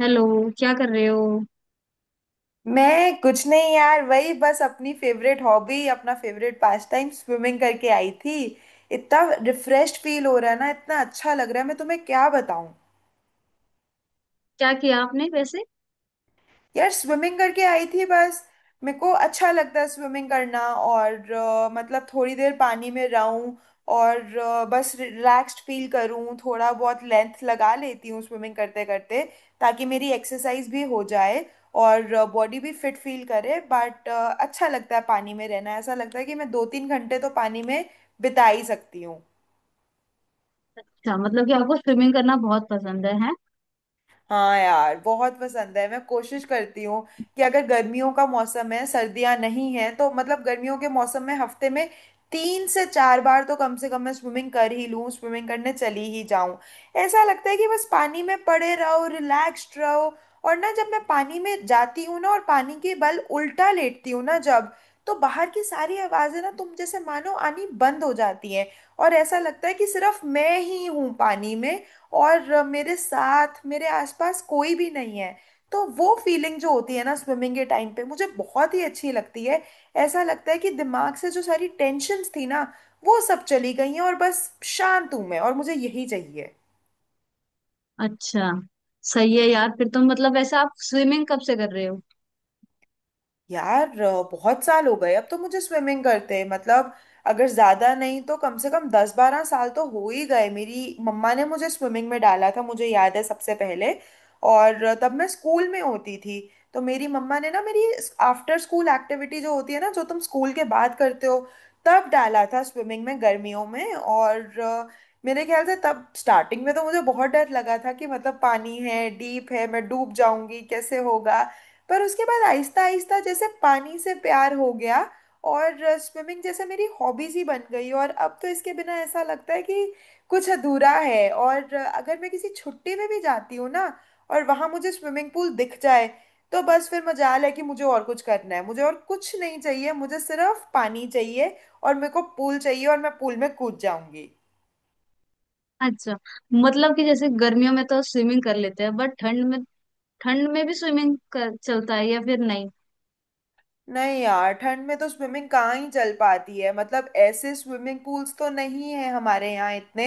Hello. क्या कर रहे हो? मैं कुछ नहीं यार। वही बस अपनी फेवरेट हॉबी, अपना फेवरेट पास टाइम, स्विमिंग करके आई थी। इतना रिफ्रेश फील हो रहा है ना, इतना अच्छा लग रहा है, मैं तुम्हें क्या बताऊं। क्या किया आपने वैसे? यार स्विमिंग करके आई थी बस। मेरे को अच्छा लगता है स्विमिंग करना, और मतलब थोड़ी देर पानी में रहूं और बस रिलैक्स्ड फील करूं। थोड़ा बहुत लेंथ लगा लेती हूँ स्विमिंग करते करते, ताकि मेरी एक्सरसाइज भी हो जाए और बॉडी भी फिट फील करे। बट अच्छा लगता है पानी में रहना, ऐसा लगता है कि मैं दो तीन घंटे तो पानी में बिता ही सकती हूँ। अच्छा, मतलब कि आपको स्विमिंग करना बहुत पसंद है, हैं? हाँ यार बहुत पसंद है। मैं कोशिश करती हूँ कि अगर गर्मियों का मौसम है, सर्दियाँ नहीं है, तो मतलब गर्मियों के मौसम में हफ्ते में तीन से चार बार तो कम से कम मैं स्विमिंग कर ही लूँ, स्विमिंग करने चली ही जाऊँ। ऐसा लगता है कि बस पानी में पड़े रहो, रिलैक्स्ड रहो। और ना, जब मैं पानी में जाती हूँ ना, और पानी के बल उल्टा लेटती हूँ ना जब, तो बाहर की सारी आवाज़ें ना तुम जैसे मानो आनी बंद हो जाती हैं। और ऐसा लगता है कि सिर्फ मैं ही हूँ पानी में, और मेरे साथ मेरे आसपास कोई भी नहीं है। तो वो फीलिंग जो होती है ना स्विमिंग के टाइम पे, मुझे बहुत ही अच्छी लगती है। ऐसा लगता है कि दिमाग से जो सारी टेंशन्स थी ना, वो सब चली गई हैं, और बस शांत हूं मैं, और मुझे यही चाहिए। अच्छा। सही है यार। फिर तो मतलब वैसे आप स्विमिंग कब से कर रहे हो? यार बहुत साल हो गए अब तो मुझे स्विमिंग करते। मतलब अगर ज्यादा नहीं तो कम से कम दस बारह साल तो हो ही गए। मेरी मम्मा ने मुझे स्विमिंग में डाला था, मुझे याद है सबसे पहले। और तब मैं स्कूल में होती थी। तो मेरी मम्मा ने ना मेरी आफ्टर स्कूल एक्टिविटी जो होती है ना, जो तुम स्कूल के बाद करते हो, तब डाला था स्विमिंग में गर्मियों में। और मेरे ख्याल से तब स्टार्टिंग में तो मुझे बहुत डर लगा था कि मतलब पानी है, डीप है, मैं डूब जाऊंगी, कैसे होगा। पर उसके बाद आहिस्ता आहिस्ता जैसे पानी से प्यार हो गया, और स्विमिंग जैसे मेरी हॉबीज ही बन गई। और अब तो इसके बिना ऐसा लगता है कि कुछ अधूरा है। और अगर मैं किसी छुट्टी में भी जाती हूँ ना, और वहां मुझे स्विमिंग पूल दिख जाए, तो बस फिर मजाल है कि मुझे और कुछ करना है। मुझे और कुछ नहीं चाहिए, मुझे सिर्फ पानी चाहिए, और मेरे को पूल चाहिए, और मैं पूल में कूद जाऊंगी। अच्छा, मतलब कि जैसे गर्मियों में तो स्विमिंग कर लेते हैं बट ठंड में, ठंड में भी चलता है या फिर नहीं? नहीं यार, ठंड में तो स्विमिंग कहाँ ही चल पाती है। मतलब ऐसे स्विमिंग पूल्स तो नहीं है हमारे यहाँ इतने,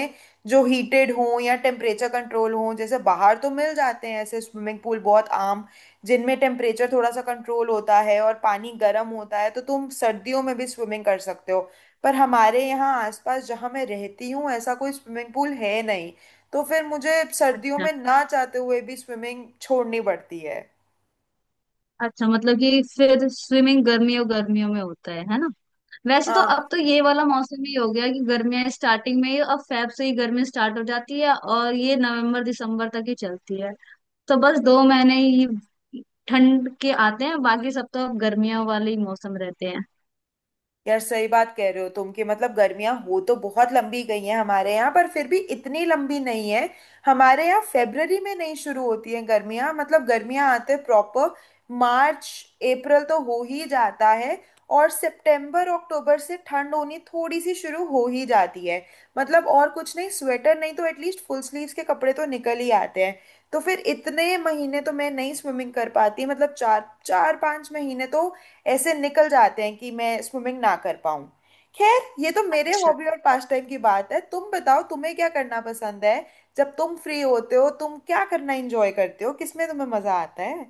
जो हीटेड हों या टेम्परेचर कंट्रोल हों। जैसे बाहर तो मिल जाते हैं ऐसे स्विमिंग पूल बहुत आम, जिनमें टेम्परेचर थोड़ा सा कंट्रोल होता है और पानी गर्म होता है, तो तुम सर्दियों में भी स्विमिंग कर सकते हो। पर हमारे यहाँ आसपास जहाँ मैं रहती हूँ, ऐसा कोई स्विमिंग पूल है नहीं, तो फिर मुझे सर्दियों अच्छा। में ना चाहते हुए भी स्विमिंग छोड़नी पड़ती है। अच्छा मतलब कि फिर स्विमिंग गर्मियों गर्मियों में होता है ना? वैसे तो हाँ अब तो ये वाला मौसम ही हो गया कि गर्मियां स्टार्टिंग में ही, अब फेब से ही गर्मी स्टार्ट हो जाती है और ये नवंबर दिसंबर तक ही चलती है। तो बस दो महीने ही ठंड के आते हैं, बाकी सब तो अब गर्मियों वाले ही मौसम रहते हैं। यार, सही बात कह रहे हो तुम, कि मतलब गर्मियां हो तो बहुत लंबी गई हैं हमारे यहाँ, पर फिर भी इतनी लंबी नहीं है। हमारे यहाँ फेब्रवरी में नहीं शुरू होती हैं गर्मियां, मतलब गर्मियां आते प्रॉपर मार्च अप्रैल तो हो ही जाता है, और सितंबर अक्टूबर से ठंड होनी थोड़ी सी शुरू हो ही जाती है। मतलब और कुछ नहीं, स्वेटर नहीं तो एटलीस्ट फुल स्लीव्स के कपड़े तो निकल ही आते हैं। तो फिर इतने महीने तो मैं नहीं स्विमिंग कर पाती, मतलब चार चार पांच महीने तो ऐसे निकल जाते हैं कि मैं स्विमिंग ना कर पाऊँ। खैर ये तो मेरे अच्छा। हॉबी और पास टाइम की बात है, तुम बताओ तुम्हें क्या करना पसंद है। जब तुम फ्री होते हो, तुम क्या करना एंजॉय करते हो, किसमें तुम्हें मजा आता है।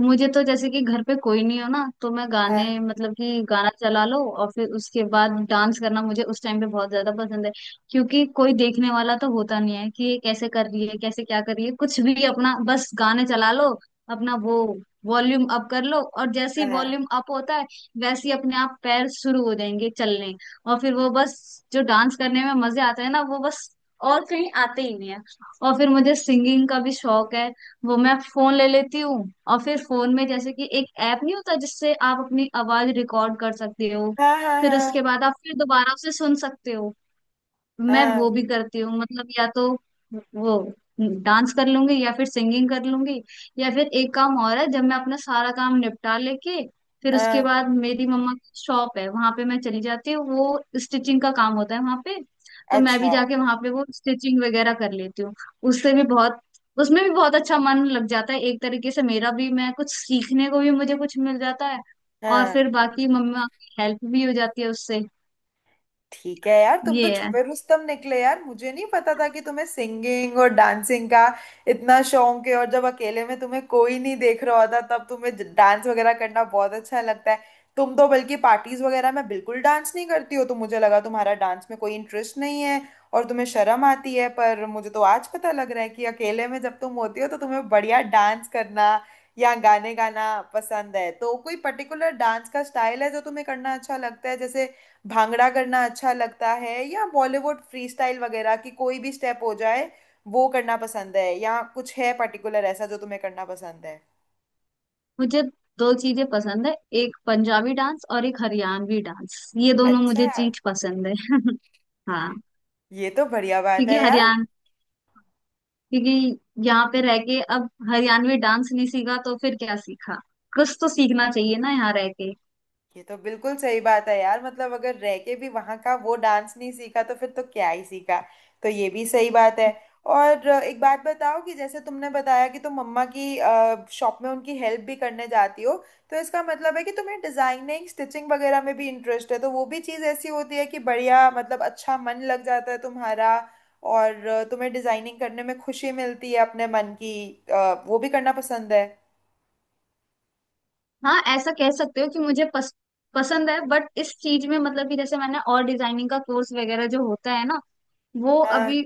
मुझे तो जैसे कि घर पे कोई नहीं हो ना, तो मैं हाँ। गाने, मतलब कि गाना चला लो और फिर उसके बाद डांस करना मुझे उस टाइम पे बहुत ज्यादा पसंद है। क्योंकि कोई देखने वाला तो होता नहीं है कि ये कैसे कर रही है, कैसे क्या कर रही है, कुछ भी अपना बस गाने चला लो, अपना वो वॉल्यूम अप कर लो और जैसे ही हाँ। वॉल्यूम अप होता है, वैसे ही अपने आप पैर शुरू हो जाएंगे चलने। और फिर वो बस जो डांस करने में मजे आते हैं ना, वो बस और कहीं आते ही नहीं है। और फिर मुझे सिंगिंग का भी शौक है। वो मैं फोन ले लेती हूँ और फिर फोन में जैसे कि एक ऐप नहीं होता जिससे आप अपनी आवाज रिकॉर्ड कर सकते हो, हाँ। हाँ। फिर हाँ। उसके बाद आप फिर दोबारा उसे सुन सकते हो। मैं वो हाँ। भी करती हूँ। मतलब या तो वो डांस कर लूंगी या फिर सिंगिंग कर लूंगी। या फिर एक काम और है, जब मैं अपना सारा काम निपटा लेके, फिर उसके हाँ, बाद मेरी मम्मा की शॉप है वहां पे मैं चली जाती हूँ, वो स्टिचिंग का काम होता है वहां पे, तो मैं भी अच्छा। जाके वहां पे वो स्टिचिंग वगैरह कर लेती हूँ। उससे भी बहुत, उसमें भी बहुत अच्छा मन लग जाता है एक तरीके से मेरा भी, मैं कुछ सीखने को भी मुझे कुछ मिल जाता है और हाँ। फिर बाकी मम्मा की हेल्प भी हो जाती है उससे। ठीक है यार, तुम तो ये है। छुपे रुस्तम निकले यार। मुझे नहीं पता था कि तुम्हें सिंगिंग और डांसिंग का इतना शौक है, और जब अकेले में तुम्हें कोई नहीं देख रहा होता, तब तुम्हें डांस वगैरह करना बहुत अच्छा लगता है। तुम तो बल्कि पार्टीज वगैरह में बिल्कुल डांस नहीं करती हो, तो मुझे लगा तुम्हारा डांस में कोई इंटरेस्ट नहीं है और तुम्हें शर्म आती है। पर मुझे तो आज पता लग रहा है कि अकेले में जब तुम होती हो, तो तुम्हें बढ़िया डांस करना या गाने गाना पसंद है। तो कोई पर्टिकुलर डांस का स्टाइल है जो तुम्हें करना अच्छा लगता है, जैसे भांगड़ा करना अच्छा लगता है, या बॉलीवुड फ्रीस्टाइल वगैरह की कोई भी स्टेप हो जाए वो करना पसंद है, या कुछ है पर्टिकुलर ऐसा जो तुम्हें करना पसंद है। मुझे दो चीजें पसंद है, एक पंजाबी डांस और एक हरियाणवी डांस, ये दोनों अच्छा, मुझे चीज पसंद है। हाँ। ये तो बढ़िया बात क्योंकि है यार। हरियाण क्योंकि यहाँ पे रह के अब हरियाणवी डांस नहीं सीखा तो फिर क्या सीखा। कुछ तो सीखना चाहिए ना यहाँ रह के। ये तो बिल्कुल सही बात है यार, मतलब अगर रह के भी वहां का वो डांस नहीं सीखा, तो फिर तो क्या ही सीखा। तो ये भी सही बात है। और एक बात बताओ, कि जैसे तुमने बताया कि तुम मम्मा की शॉप में उनकी हेल्प भी करने जाती हो, तो इसका मतलब है कि तुम्हें डिजाइनिंग स्टिचिंग वगैरह में भी इंटरेस्ट है। तो वो भी चीज़ ऐसी होती है कि बढ़िया, मतलब अच्छा मन लग जाता है तुम्हारा। और तुम्हें डिजाइनिंग करने में खुशी मिलती है अपने मन की, वो भी करना पसंद है। हाँ, ऐसा कह सकते हो कि पसंद है बट इस चीज में, मतलब कि जैसे मैंने, और डिजाइनिंग का कोर्स वगैरह जो होता है ना, वो हाँ। अभी,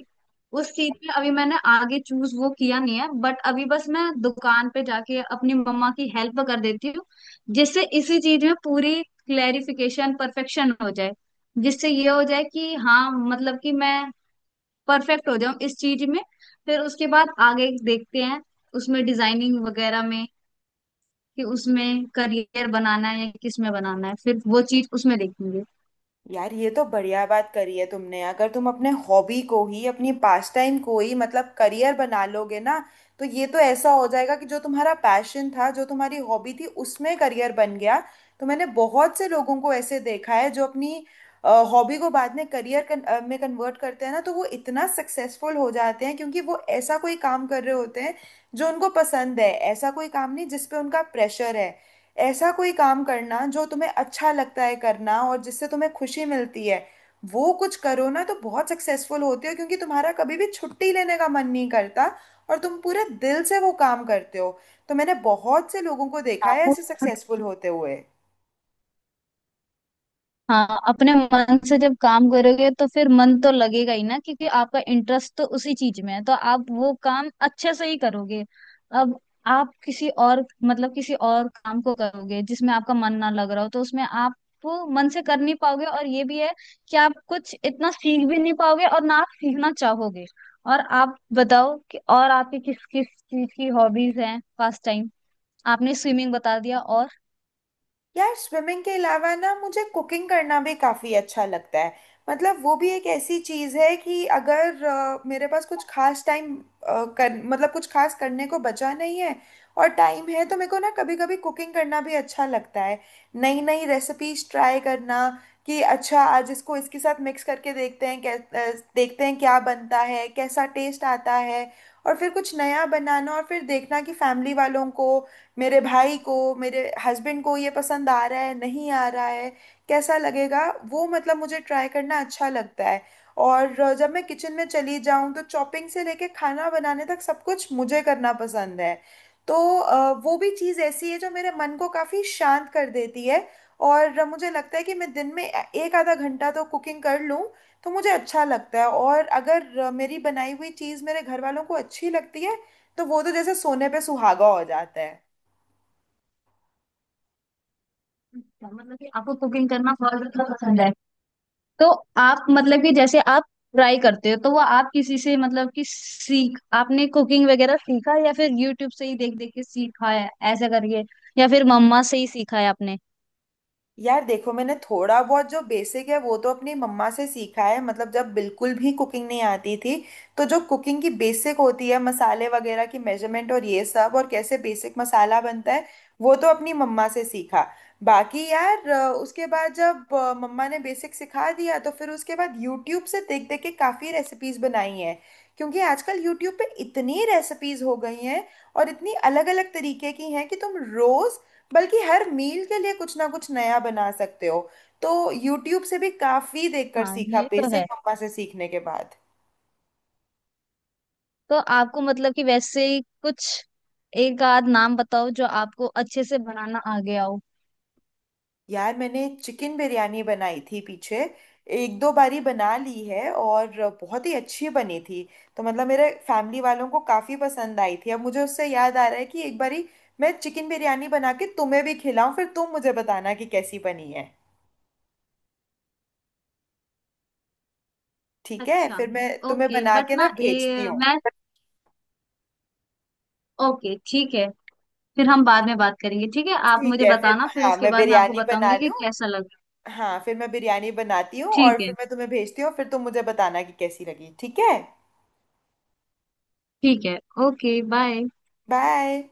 उस चीज में अभी मैंने आगे चूज वो किया नहीं है, बट अभी बस मैं दुकान पे जाके अपनी मम्मा की हेल्प कर देती हूँ, जिससे इसी चीज में पूरी क्लेरिफिकेशन परफेक्शन हो जाए, जिससे ये हो जाए कि हाँ मतलब कि मैं परफेक्ट हो जाऊं इस चीज में। फिर उसके बाद आगे देखते हैं, उसमें डिजाइनिंग वगैरह में, कि उसमें करियर बनाना है या किस में बनाना है, फिर वो चीज उसमें देखेंगे। यार ये तो बढ़िया बात करी है तुमने। अगर तुम अपने हॉबी को ही, अपनी पास टाइम को ही मतलब करियर बना लोगे ना, तो ये तो ऐसा हो जाएगा कि जो तुम्हारा पैशन था, जो तुम्हारी हॉबी थी, उसमें करियर बन गया। तो मैंने बहुत से लोगों को ऐसे देखा है जो अपनी हॉबी को बाद में करियर में कन्वर्ट करते हैं ना, तो वो इतना सक्सेसफुल हो जाते हैं, क्योंकि वो ऐसा कोई काम कर रहे होते हैं जो उनको पसंद है, ऐसा कोई काम नहीं जिस पे उनका प्रेशर है। ऐसा कोई काम करना जो तुम्हें अच्छा लगता है करना, और जिससे तुम्हें खुशी मिलती है, वो कुछ करो ना, तो बहुत सक्सेसफुल होते हो, क्योंकि तुम्हारा कभी भी छुट्टी लेने का मन नहीं करता, और तुम पूरे दिल से वो काम करते हो। तो मैंने बहुत से लोगों को देखा हाँ। है ऐसे सक्सेसफुल होते हुए। हाँ, अपने मन से जब काम करोगे तो फिर मन तो लगेगा ही ना, क्योंकि आपका इंटरेस्ट तो उसी चीज में है तो आप वो काम अच्छे से ही करोगे। अब आप किसी और, मतलब किसी और काम को करोगे जिसमें आपका मन ना लग रहा हो, तो उसमें आप वो मन से कर नहीं पाओगे और ये भी है कि आप कुछ इतना सीख भी नहीं पाओगे और ना आप सीखना चाहोगे। और आप बताओ कि और आपकी किस किस चीज की हॉबीज हैं, पास टाइम? आपने स्विमिंग बता दिया और। यार स्विमिंग के अलावा ना मुझे कुकिंग करना भी काफ़ी अच्छा लगता है। मतलब वो भी एक ऐसी चीज़ है कि अगर मेरे पास कुछ खास टाइम कर, मतलब कुछ खास करने को बचा नहीं है और टाइम है, तो मेरे को ना कभी कभी कुकिंग करना भी अच्छा लगता है। नई नई रेसिपीज ट्राई करना, कि अच्छा आज इसको इसके साथ मिक्स करके देखते हैं देखते हैं क्या बनता है, कैसा टेस्ट आता है। और फिर कुछ नया बनाना, और फिर देखना कि फैमिली वालों को, मेरे भाई को, मेरे हस्बैंड को ये पसंद आ रहा है, नहीं आ रहा है, कैसा लगेगा। वो मतलब मुझे ट्राई करना अच्छा लगता है। और जब मैं किचन में चली जाऊं, तो चॉपिंग से लेके खाना बनाने तक सब कुछ मुझे करना पसंद है। तो वो भी चीज़ ऐसी है जो मेरे मन को काफ़ी शांत कर देती है। और मुझे लगता है कि मैं दिन में एक आधा घंटा तो कुकिंग कर लूं, तो मुझे अच्छा लगता है। और अगर मेरी बनाई हुई चीज़ मेरे घर वालों को अच्छी लगती है, तो वो तो जैसे सोने पे सुहागा हो जाता है। मतलब कि आपको कुकिंग करना बहुत ज्यादा पसंद है। तो आप मतलब कि जैसे आप ट्राई करते हो, तो वो आप किसी से, मतलब कि सीख, आपने कुकिंग वगैरह सीखा या फिर यूट्यूब से ही देख देख के सीखा है ऐसा करके, या फिर मम्मा से ही सीखा है आपने? यार देखो, मैंने थोड़ा बहुत जो बेसिक है वो तो अपनी मम्मा से सीखा है। मतलब जब बिल्कुल भी कुकिंग नहीं आती थी, तो जो कुकिंग की बेसिक होती है, मसाले वगैरह की मेजरमेंट और ये सब, और कैसे बेसिक मसाला बनता है, वो तो अपनी मम्मा से सीखा। बाकी यार उसके बाद जब मम्मा ने बेसिक सिखा दिया, तो फिर उसके बाद यूट्यूब से देख देख के काफ़ी रेसिपीज बनाई हैं। क्योंकि आजकल यूट्यूब पे इतनी रेसिपीज हो गई हैं, और इतनी अलग अलग तरीके की हैं कि तुम रोज, बल्कि हर मील के लिए कुछ ना कुछ नया बना सकते हो। तो यूट्यूब से भी काफी देखकर हाँ, सीखा, ये तो बेसिक है। मम्मा से सीखने के बाद। तो आपको मतलब कि वैसे ही कुछ एक आध नाम बताओ जो आपको अच्छे से बनाना आ गया हो। यार मैंने चिकन बिरयानी बनाई थी पीछे, एक दो बारी बना ली है, और बहुत ही अच्छी बनी थी। तो मतलब मेरे फैमिली वालों को काफी पसंद आई थी। अब मुझे उससे याद आ रहा है कि एक बारी मैं चिकन बिरयानी बना के तुम्हें भी खिलाऊं, फिर तुम मुझे बताना कि कैसी बनी है। ठीक है, अच्छा। फिर मैं तुम्हें ओके बना बट के ना ना भेजती हूँ। मैं, ओके, ठीक है, फिर हम बाद में बात करेंगे। ठीक है, आप ठीक मुझे है, फिर बताना फिर हाँ उसके मैं बाद मैं आपको बिरयानी बना बताऊंगी कि लूँ। कैसा लगा। हाँ फिर मैं बिरयानी बनाती हूँ, ठीक और है। फिर मैं तुम्हें भेजती हूँ, फिर तुम मुझे बताना कि कैसी लगी, ठीक है। ठीक है। Okay, bye. बाय।